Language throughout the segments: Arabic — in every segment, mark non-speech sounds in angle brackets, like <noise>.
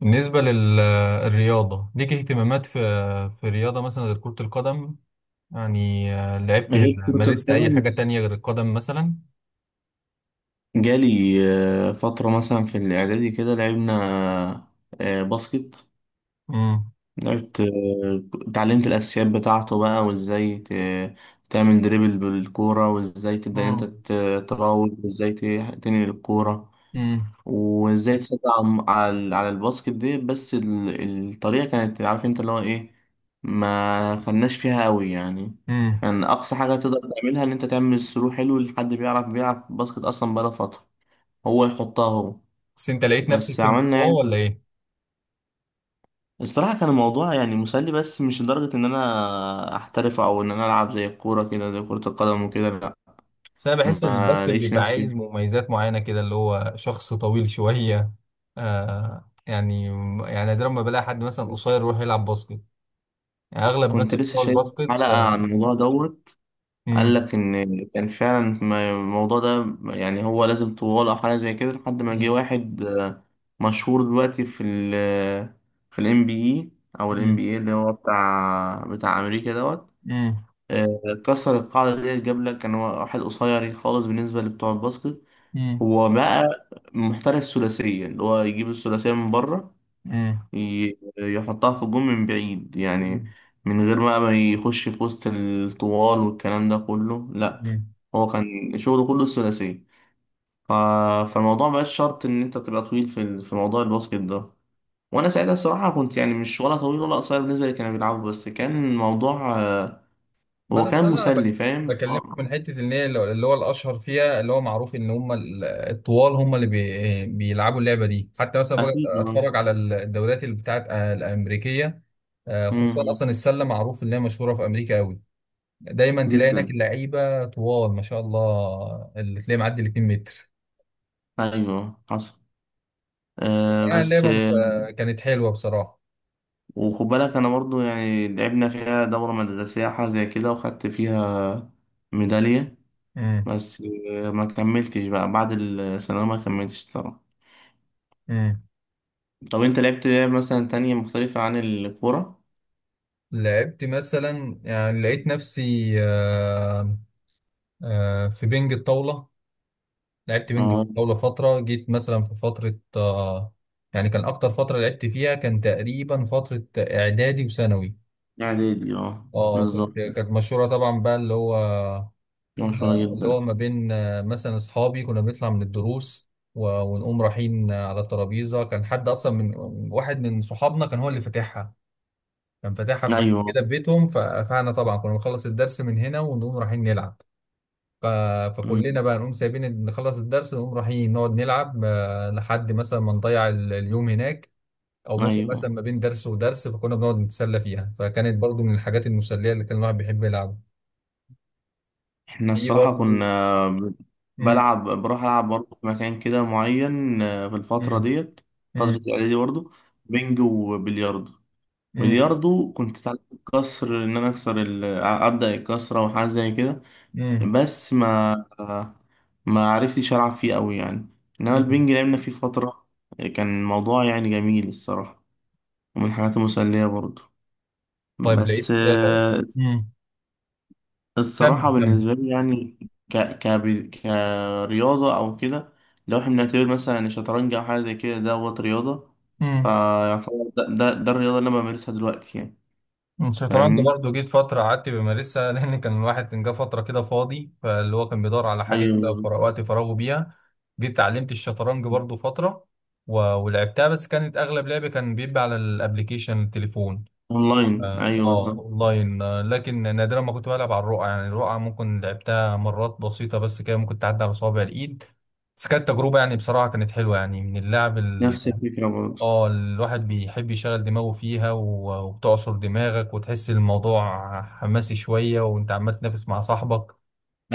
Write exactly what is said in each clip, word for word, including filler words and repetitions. بالنسبة للرياضة ليك اهتمامات في في الرياضة مثلا غير كرة القدم. يعني آه، لعبت. غير كرة مارست أي القدم. حاجة تانية غير القدم مثلا؟ جالي آه، فترة مثلا في الإعدادي كده لعبنا آه، باسكت. امم. لعبت آه، اتعلمت الأساسيات بتاعته بقى وإزاي ت- تعمل دريبل بالكورة، وإزاي تبدأ أنت مم. ت- تراوغ، وإزاي ت- تنقل الكورة، امم. وازاي تسد على على على الباسكت دي. بس ال- الطريقه كانت، عارف انت، اللي هو ايه، ما خدناش فيها قوي يعني. امم. كان اقصى حاجه تقدر تعملها ان انت تعمل ثرو حلو لحد بيعرف بيلعب باسكت اصلا بقاله فتره، هو يحطها هو. بس أنت لقيت نفسك بس في عملنا الموضوع يعني. ولا إيه؟ الصراحه كان الموضوع يعني مسلي، بس مش لدرجه ان انا احترف او ان انا العب زي الكوره كده، زي كره القدم وكده، لا. بس أنا بحس إن ما الباسكت لقيتش بيبقى نفسي. عايز مميزات معينة كده، اللي هو شخص طويل شوية. آه يعني، يعني نادرا ما بلاقي حد مثلا قصير يروح يلعب باسكت، يعني أغلب كنت مثلا لسه بتوع شايف الباسكت. حلقه عن الموضوع دوت. قال امم. لك إن كان فعلا ما- الموضوع ده يعني هو لازم طوال أو حاجة زي كده، لحد ما جه امم. واحد آه، مشهور دلوقتي في ال في ال إن بي إيه أو ال إن بي إيه اللي هو بتاع بتاع أمريكا دوت. امم. آه، كسر القاعدة دي، جاب لك كان واحد قصير خالص بالنسبة لبتوع الباسكت. امم. هو بقى محترف ثلاثية، اللي هو يجيب الثلاثية من بره، ي- يحطها في الجون من بعيد يعني، امم. من غير بقى ما يخش في وسط الطوال والكلام ده كله، لا. مم. هو كان شغله كله الثلاثية. ف- فالموضوع مبقاش شرط إن أنت تبقى طويل في ال- في موضوع الباسكت ده. وأنا ساعتها الصراحة كنت يعني مش ولا طويل ولا قصير بالنسبة اللي كانوا بيلعبوا، بس كان الموضوع آه، ما هو انا كان أصل انا بك- مسلي. فاهم؟ بكلمك آه، من حته ان هي لو- اللي هو الاشهر فيها، اللي هو معروف ان هم ال- الطوال هم اللي بي- بيلعبوا اللعبه دي. حتى مثلا بقى أكيد. آه. اتفرج على ال- الدوريات اللي بتاعت آه، الامريكيه. آه، خصوصا مم. اصلا السله معروف ان هي مشهوره في امريكا قوي. دايما تلاقي هناك جدا. اللعيبه طوال ما شاء الله، اللي تلاقي معدي ال الاتنين متر متر. أيوه، حصل. آه آه، بس اللعبه مس- آه، كانت حلوه بصراحه. وخد بالك انا برضو يعني لعبنا فيها دورة مدرسية، حاجة زي كده، وخدت فيها ميدالية. امم. بس آه، ما كملتش بقى بعد الثانوية، ما كملتش طبعا. امم. طب انت لعبت لعب مثلا تانية مختلفة عن الكورة؟ لعبت مثلا، يعني لقيت نفسي آه، آه، في بنج الطاوله. لعبت وينج اه. جولة فترة، جيت مثلا في فترة آه، يعني كان أكتر فترة لعبت فيها كان تقريبا فترة إعدادي وثانوي. اعدادي، اه. اه كنت بالظبط. كانت مشهورة طبعا بقى، اللي هو مشهورة اللي هو جدا. ما بين آه، مثلا أصحابي كنا بنطلع من الدروس و- ونقوم رايحين آه، على الترابيزة. كان حد أصلا من واحد من صحابنا كان هو اللي فاتحها، كان فاتحها في مكان ايوه. كده في بيتهم. ف- فاحنا طبعا كنا بنخلص الدرس من هنا ونقوم رايحين نلعب. ف- أمم، فكلنا بقى نقوم سايبين نخلص الدرس، نقوم رايحين نقعد نلعب آه، لحد مثلا ما نضيع ال- اليوم هناك. او ممكن ايوه. مثلا ما بين درس ودرس فكنا بنقعد نتسلى فيها، فكانت برضو من الحاجات المسلية اللي كان الواحد بيحب يلعبها. احنا في الصراحة برضو. كنا مم. بلعب، بروح العب برضه في مكان كده معين آه، في الفترة مم. ديت، فترة مم. الاعدادي برضه، بنج وبلياردو. مم. بلياردو كنت اتعلمت الكسر، ان انا اكسر ال... ابدا الكسره وحاجه زي كده، مم. بس ما ما عرفتش العب فيه قوي يعني. انما مم. البنج لعبنا فيه فتره. كان الموضوع يعني جميل الصراحه، ومن الحاجات المسليه برضه. طيب بس لقيت. آه، مم. كمل الصراحه كمل. بالنسبه لي يعني، ك... ك... كرياضه او كده، لو احنا بنعتبر مثلا ان الشطرنج او حاجه زي كده دوت رياضه، مم. فيعتبر ده, ده, ده الرياضه اللي انا بمارسها دلوقتي يعني. الشطرنج فاهمني؟ برضه جيت فترة قعدت بمارسها <laughs> لأن كان الواحد كان جه فترة كده فاضي، فاللي هو كان بيدور على حاجة ايوه يملى بالظبط. فراغ- وقت فراغه بيها. جيت اتعلمت الشطرنج برضه فترة و... ولعبتها، بس كانت أغلب لعبي كان بيبقى على الأبليكيشن التليفون. اونلاين، آه ايوه آه، بالظبط. أونلاين. آه، لكن نادرا ما كنت بلعب على الرقعة، يعني الرقعة ممكن لعبتها مرات بسيطة بس، كده ممكن تعدي على صوابع الإيد. بس كانت تجربة يعني بصراحة كانت حلوة يعني من اللعب. نفس الفكره برضه. اه الواحد بيحب يشغل دماغه فيها، و- وبتعصر دماغك وتحس الموضوع حماسي شوية وانت عمال تنافس مع صاحبك.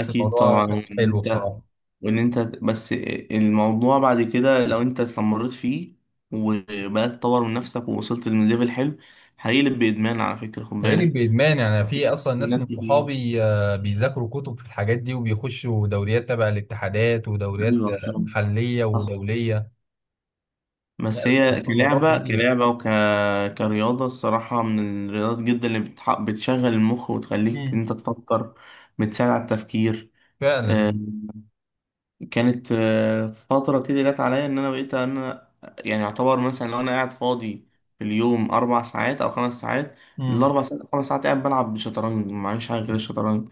بس الموضوع طبعا، كان وان حلو انت بصراحة. وان انت بس، الموضوع بعد كده لو انت استمريت فيه وبقى تطور من نفسك ووصلت لليفل حلو، هيقلب بادمان على فكره، خد قالب بالك. بإدمان، يعني في أصلا في ناس ناس من كتير. صحابي آه، بيذاكروا كتب في الحاجات دي وبيخشوا دوريات تبع الاتحادات ودوريات ايوه آه، فاهم، محلية حصل. ودولية. لا بس هي الموضوع، الموضوع كلعبه كبير. كلعبه وك كرياضه الصراحه من الرياضات جدا اللي بتح... بتشغل المخ وتخليك مم. انت تفكر، بتساعد على التفكير. فعلا. آه، كانت آه، فترة كده جت عليا إن أنا بقيت إن أنا يعني أعتبر مثلا لو أنا قاعد فاضي في اليوم أربع ساعات أو خمس ساعات، مم. الأربع ساعات أو خمس ساعات قاعد بلعب شطرنج، معيش حاجة غير الشطرنج.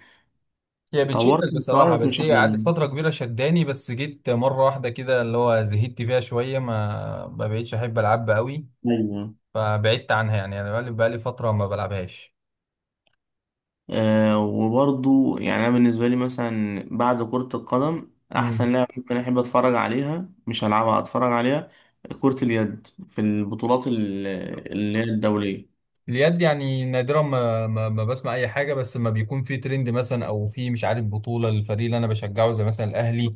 هي بتشكل طورت مستواي بصراحة، بس بس مش هي قعدت عجبني. فترة كبيرة شداني، بس جيت مرة واحدة كده اللي هو زهدت فيها شوية، ما ما بقيتش أحب ألعبها قوي. أيوه. فبعدت عنها، يعني أنا بقالي بقالي فترة ما بلعبهاش. آه وبرضو يعني أنا بالنسبة لي مثلا بعد كرة القدم، مم. أحسن لعبة ممكن أحب أتفرج عليها، مش هلعبها، أتفرج عليها، كرة اليد في البطولات ال- اللي هي الدولية. اليد يعني نادرا ما, ما, ما بسمع أي حاجة، بس ما بيكون في ترند مثلا أو في مش عارف بطولة للفريق اللي أنا بشجعه، زي مثلا الأهلي.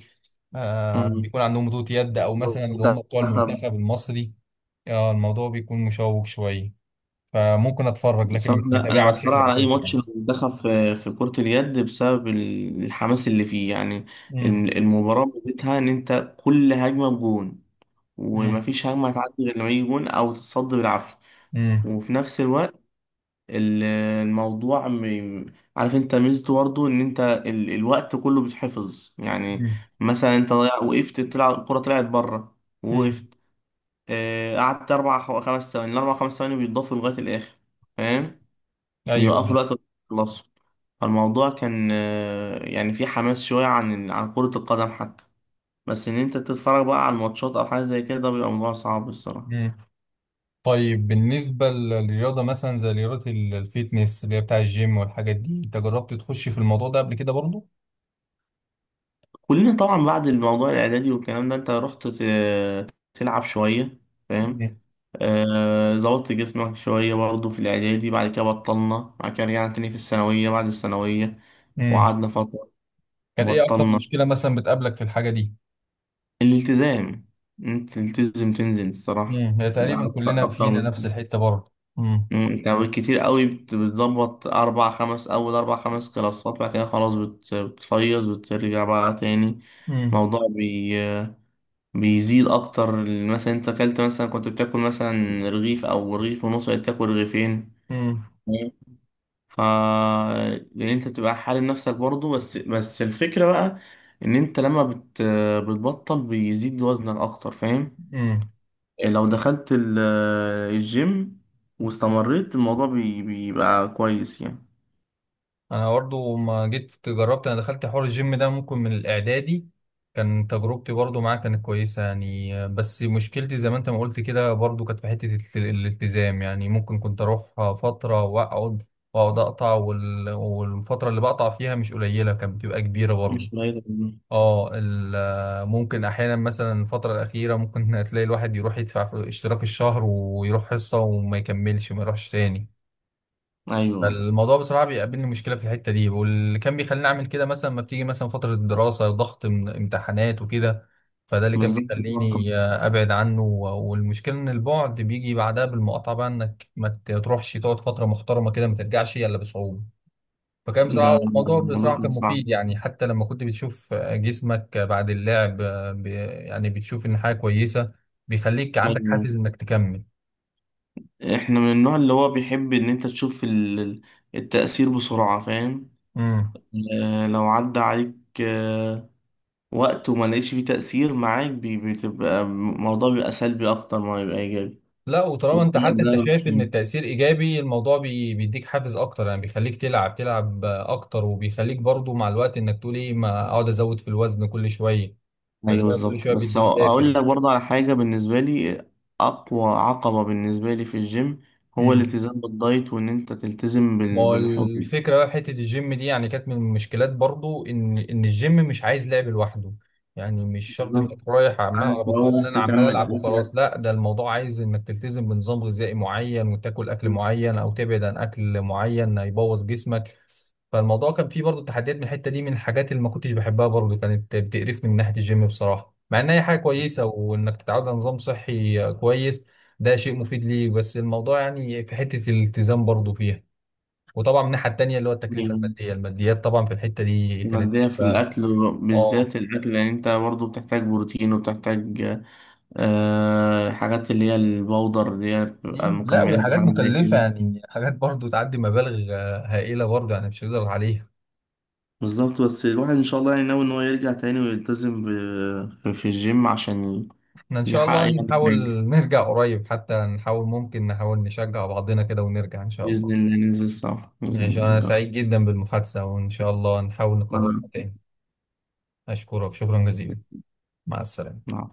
آه بيكون عندهم بطولة يد، أو مثلا اللي هم بتوع مم. المنتخب المصري. آه الموضوع بيكون مشوق شوية، فممكن أتفرج لكن الصراحة مش لا، متابعها أنا بتفرج بشكل على أي أساسي ماتش يعني. دخل في في كرة اليد بسبب ال- الحماس اللي فيه يعني. مم. الم- المباراة ميزتها إن أنت كل هجمة بجون، مم. ومفيش هجمة هتعدي غير لما يجي جون أو تتصد بالعافية. امم. وفي نفس الوقت ال- الموضوع م- عارف أنت ميزته برضه إن أنت ال- الوقت كله بيتحفظ يعني. امم. مثلا أنت ضيع، وقفت تلعب، الكرة طلعت بره، وقفت، امم. آه، قعدت أربع خ- خمس ثواني، الأربع خمس ثواني بيتضافوا لغاية الآخر، فاهم؟ ايوه بيوقفوا ايوه. الوقت ويخلصوا. فالموضوع كان آه، يعني في حماس شوية عن عن كرة القدم حتى. بس إن أنت تتفرج بقى على الماتشات أو حاجة زي كده، ده بيبقى موضوع صعب الصراحة. امم. طيب بالنسبه للرياضه مثلا، زي رياضه ال- الفيتنس اللي هي بتاع الجيم والحاجات دي، انت جربت تخش في الموضوع ده قبل كده برضو؟ كلنا طبعا بعد الموضوع الإعدادي والكلام ده أنت رحت ت- تلعب شوية، فاهم. امم. آه، ظبطت جسمك شوية برضه في الإعدادي، بعد كده بطلنا، بعد كده رجعنا تاني في الثانوية، بعد الثانوية امم. وقعدنا فترة كانت ايه اكتر وبطلنا. مشكله مثلا بتقابلك في الحاجه دي؟ الالتزام، أنت تلتزم تنزل الصراحة امم هي ده، تقريبا أكتر كلنا أكتر. فينا نفس الحته برضو. امم. مم، انت بالكتير قوي بت- بتظبط اربع خمس، اول اربع خمس كلاسات، بعد كده خلاص بت- بتفيص، بترجع بقى تاني. الموضوع بي بيزيد اكتر. مثلا انت اكلت مثلا، كنت بتاكل مثلا رغيف او رغيف ونص، بقيت تاكل رغيفين. امم. مم. ف لان انت بتبقى حارم نفسك برضه، بس بس الفكرة بقى ان انت لما بت... بتبطل بيزيد وزنك اكتر، فاهم. امم. لو دخلت ال- الجيم واستمريت، الموضوع بي- بيبقى كويس يعني. انا برضو ما جيت جربت، انا دخلت حوار الجيم ده ممكن من الاعدادي. كان تجربتي برضو معاه كانت كويسه يعني، بس مشكلتي زي ما انت ما قلت كده برضو كانت في حته الت- الالتزام. يعني ممكن كنت اروح فتره واقعد واقعد اقطع، وال- والفتره اللي بقطع فيها مش قليله، كانت بتبقى كبيره برضو. مش قليل منه. اه ال- ممكن احيانا مثلا الفتره الاخيره ممكن <laughs> تلاقي الواحد يروح يدفع في اشتراك الشهر ويروح حصه وما يكملش، ما يروحش تاني. ايوه فالموضوع بصراحة بيقابلني مشكلة في الحتة دي، واللي كان بيخليني أعمل كده مثلا ما بتيجي مثلا فترة الدراسة، ضغط من- امتحانات وكده. فده اللي كان بالظبط، الرقم بيخليني آه، أبعد عنه، و- والمشكلة إن البعد بيجي بعدها بالمقاطعة بقى، إنك ما ت- تروحش تقعد فترة محترمة كده ما ترجعش إلا بصعوبة. فكان ده بصراحة الموضوع الموضوع بصراحة كان كان صعب. مفيد يعني، حتى لما كنت بتشوف آه، جسمك آه، بعد اللعب آه، ب- يعني بتشوف إن حاجة كويسة، بيخليك عندك ايوه، حافز إنك تكمل. احنا من النوع اللي هو بيحب ان انت تشوف ال- ال- التأثير بسرعة، فاهم. مم. آه، لو عدى عليك آه، وقت وما لقيتش فيه تأثير معاك، بي- بتبقى الموضوع بيبقى سلبي اكتر ما بيبقى ايجابي. لا وطالما انت، وبتبقى حتى انت ده، شايف ان التأثير ايجابي الموضوع بي- بيديك حافز اكتر، يعني بيخليك تلعب تلعب اكتر، وبيخليك برضو مع الوقت انك تقول ايه ما اقعد ازود في الوزن كل شوية. فده ايوه كل بالظبط. شوية بس هو- بيديك دافع. اقول لك برضه على حاجه بالنسبه لي، اقوى عقبه بالنسبه لي في الجيم هو مم. الالتزام بالدايت، وان انت تلتزم ما بال- هو بالحجم. الفكرة بقى في حتة الجيم دي، يعني كانت من المشكلات برضو إن إن الجيم مش عايز لعب لوحده. يعني مش شرط بالظبط، إنك رايح عمال عارف على بطال، لو إن أنا عمال تكمل ألعب اكلك. وخلاص لا، ده الموضوع عايز إنك تلتزم بنظام غذائي معين وتاكل أكل معين أو تبعد عن أكل معين هيبوظ جسمك. فالموضوع كان فيه برضو تحديات من الحتة دي، من الحاجات اللي ما كنتش بحبها برضو، كانت بتقرفني من ناحية الجيم بصراحة، مع إن هي حاجة كويسة وإنك تتعود على نظام صحي كويس، ده شيء مفيد ليك، بس الموضوع يعني في حتة الالتزام برضو فيها. وطبعا من الناحيه التانيه، اللي هو التكلفه الماديه، الماديات طبعا في الحته دي كانت مادية في تبقى. الأكل، اه. بالذات الأكل، لأن أنت برضو بتحتاج بروتين، وبتحتاج آه حاجات اللي هي البودر اللي هي بتبقى مم. لا وهي مكملات حاجات وحاجات زي مكلفه كده. يعني، حاجات برضو تعدي مبالغ آه، هائله برضو يعني مش هنقدر عليها. بالظبط، بس الواحد إن شاء الله يعني ناوي إن هو يرجع تاني ويلتزم ب- في الجيم عشان احنا ان شاء يحقق الله يعني نحاول حاجة. نرجع قريب، حتى نحاول ممكن نحاول نشجع بعضنا كده ونرجع ان شاء بإذن الله. الله ننزل سوا، بإذن ماشي الله انا نجرب. سعيد جدا بالمحادثه، وان شاء الله نحاول نكررها آه. تاني. اشكرك شكرا جزيلا. مع السلامه. نعم.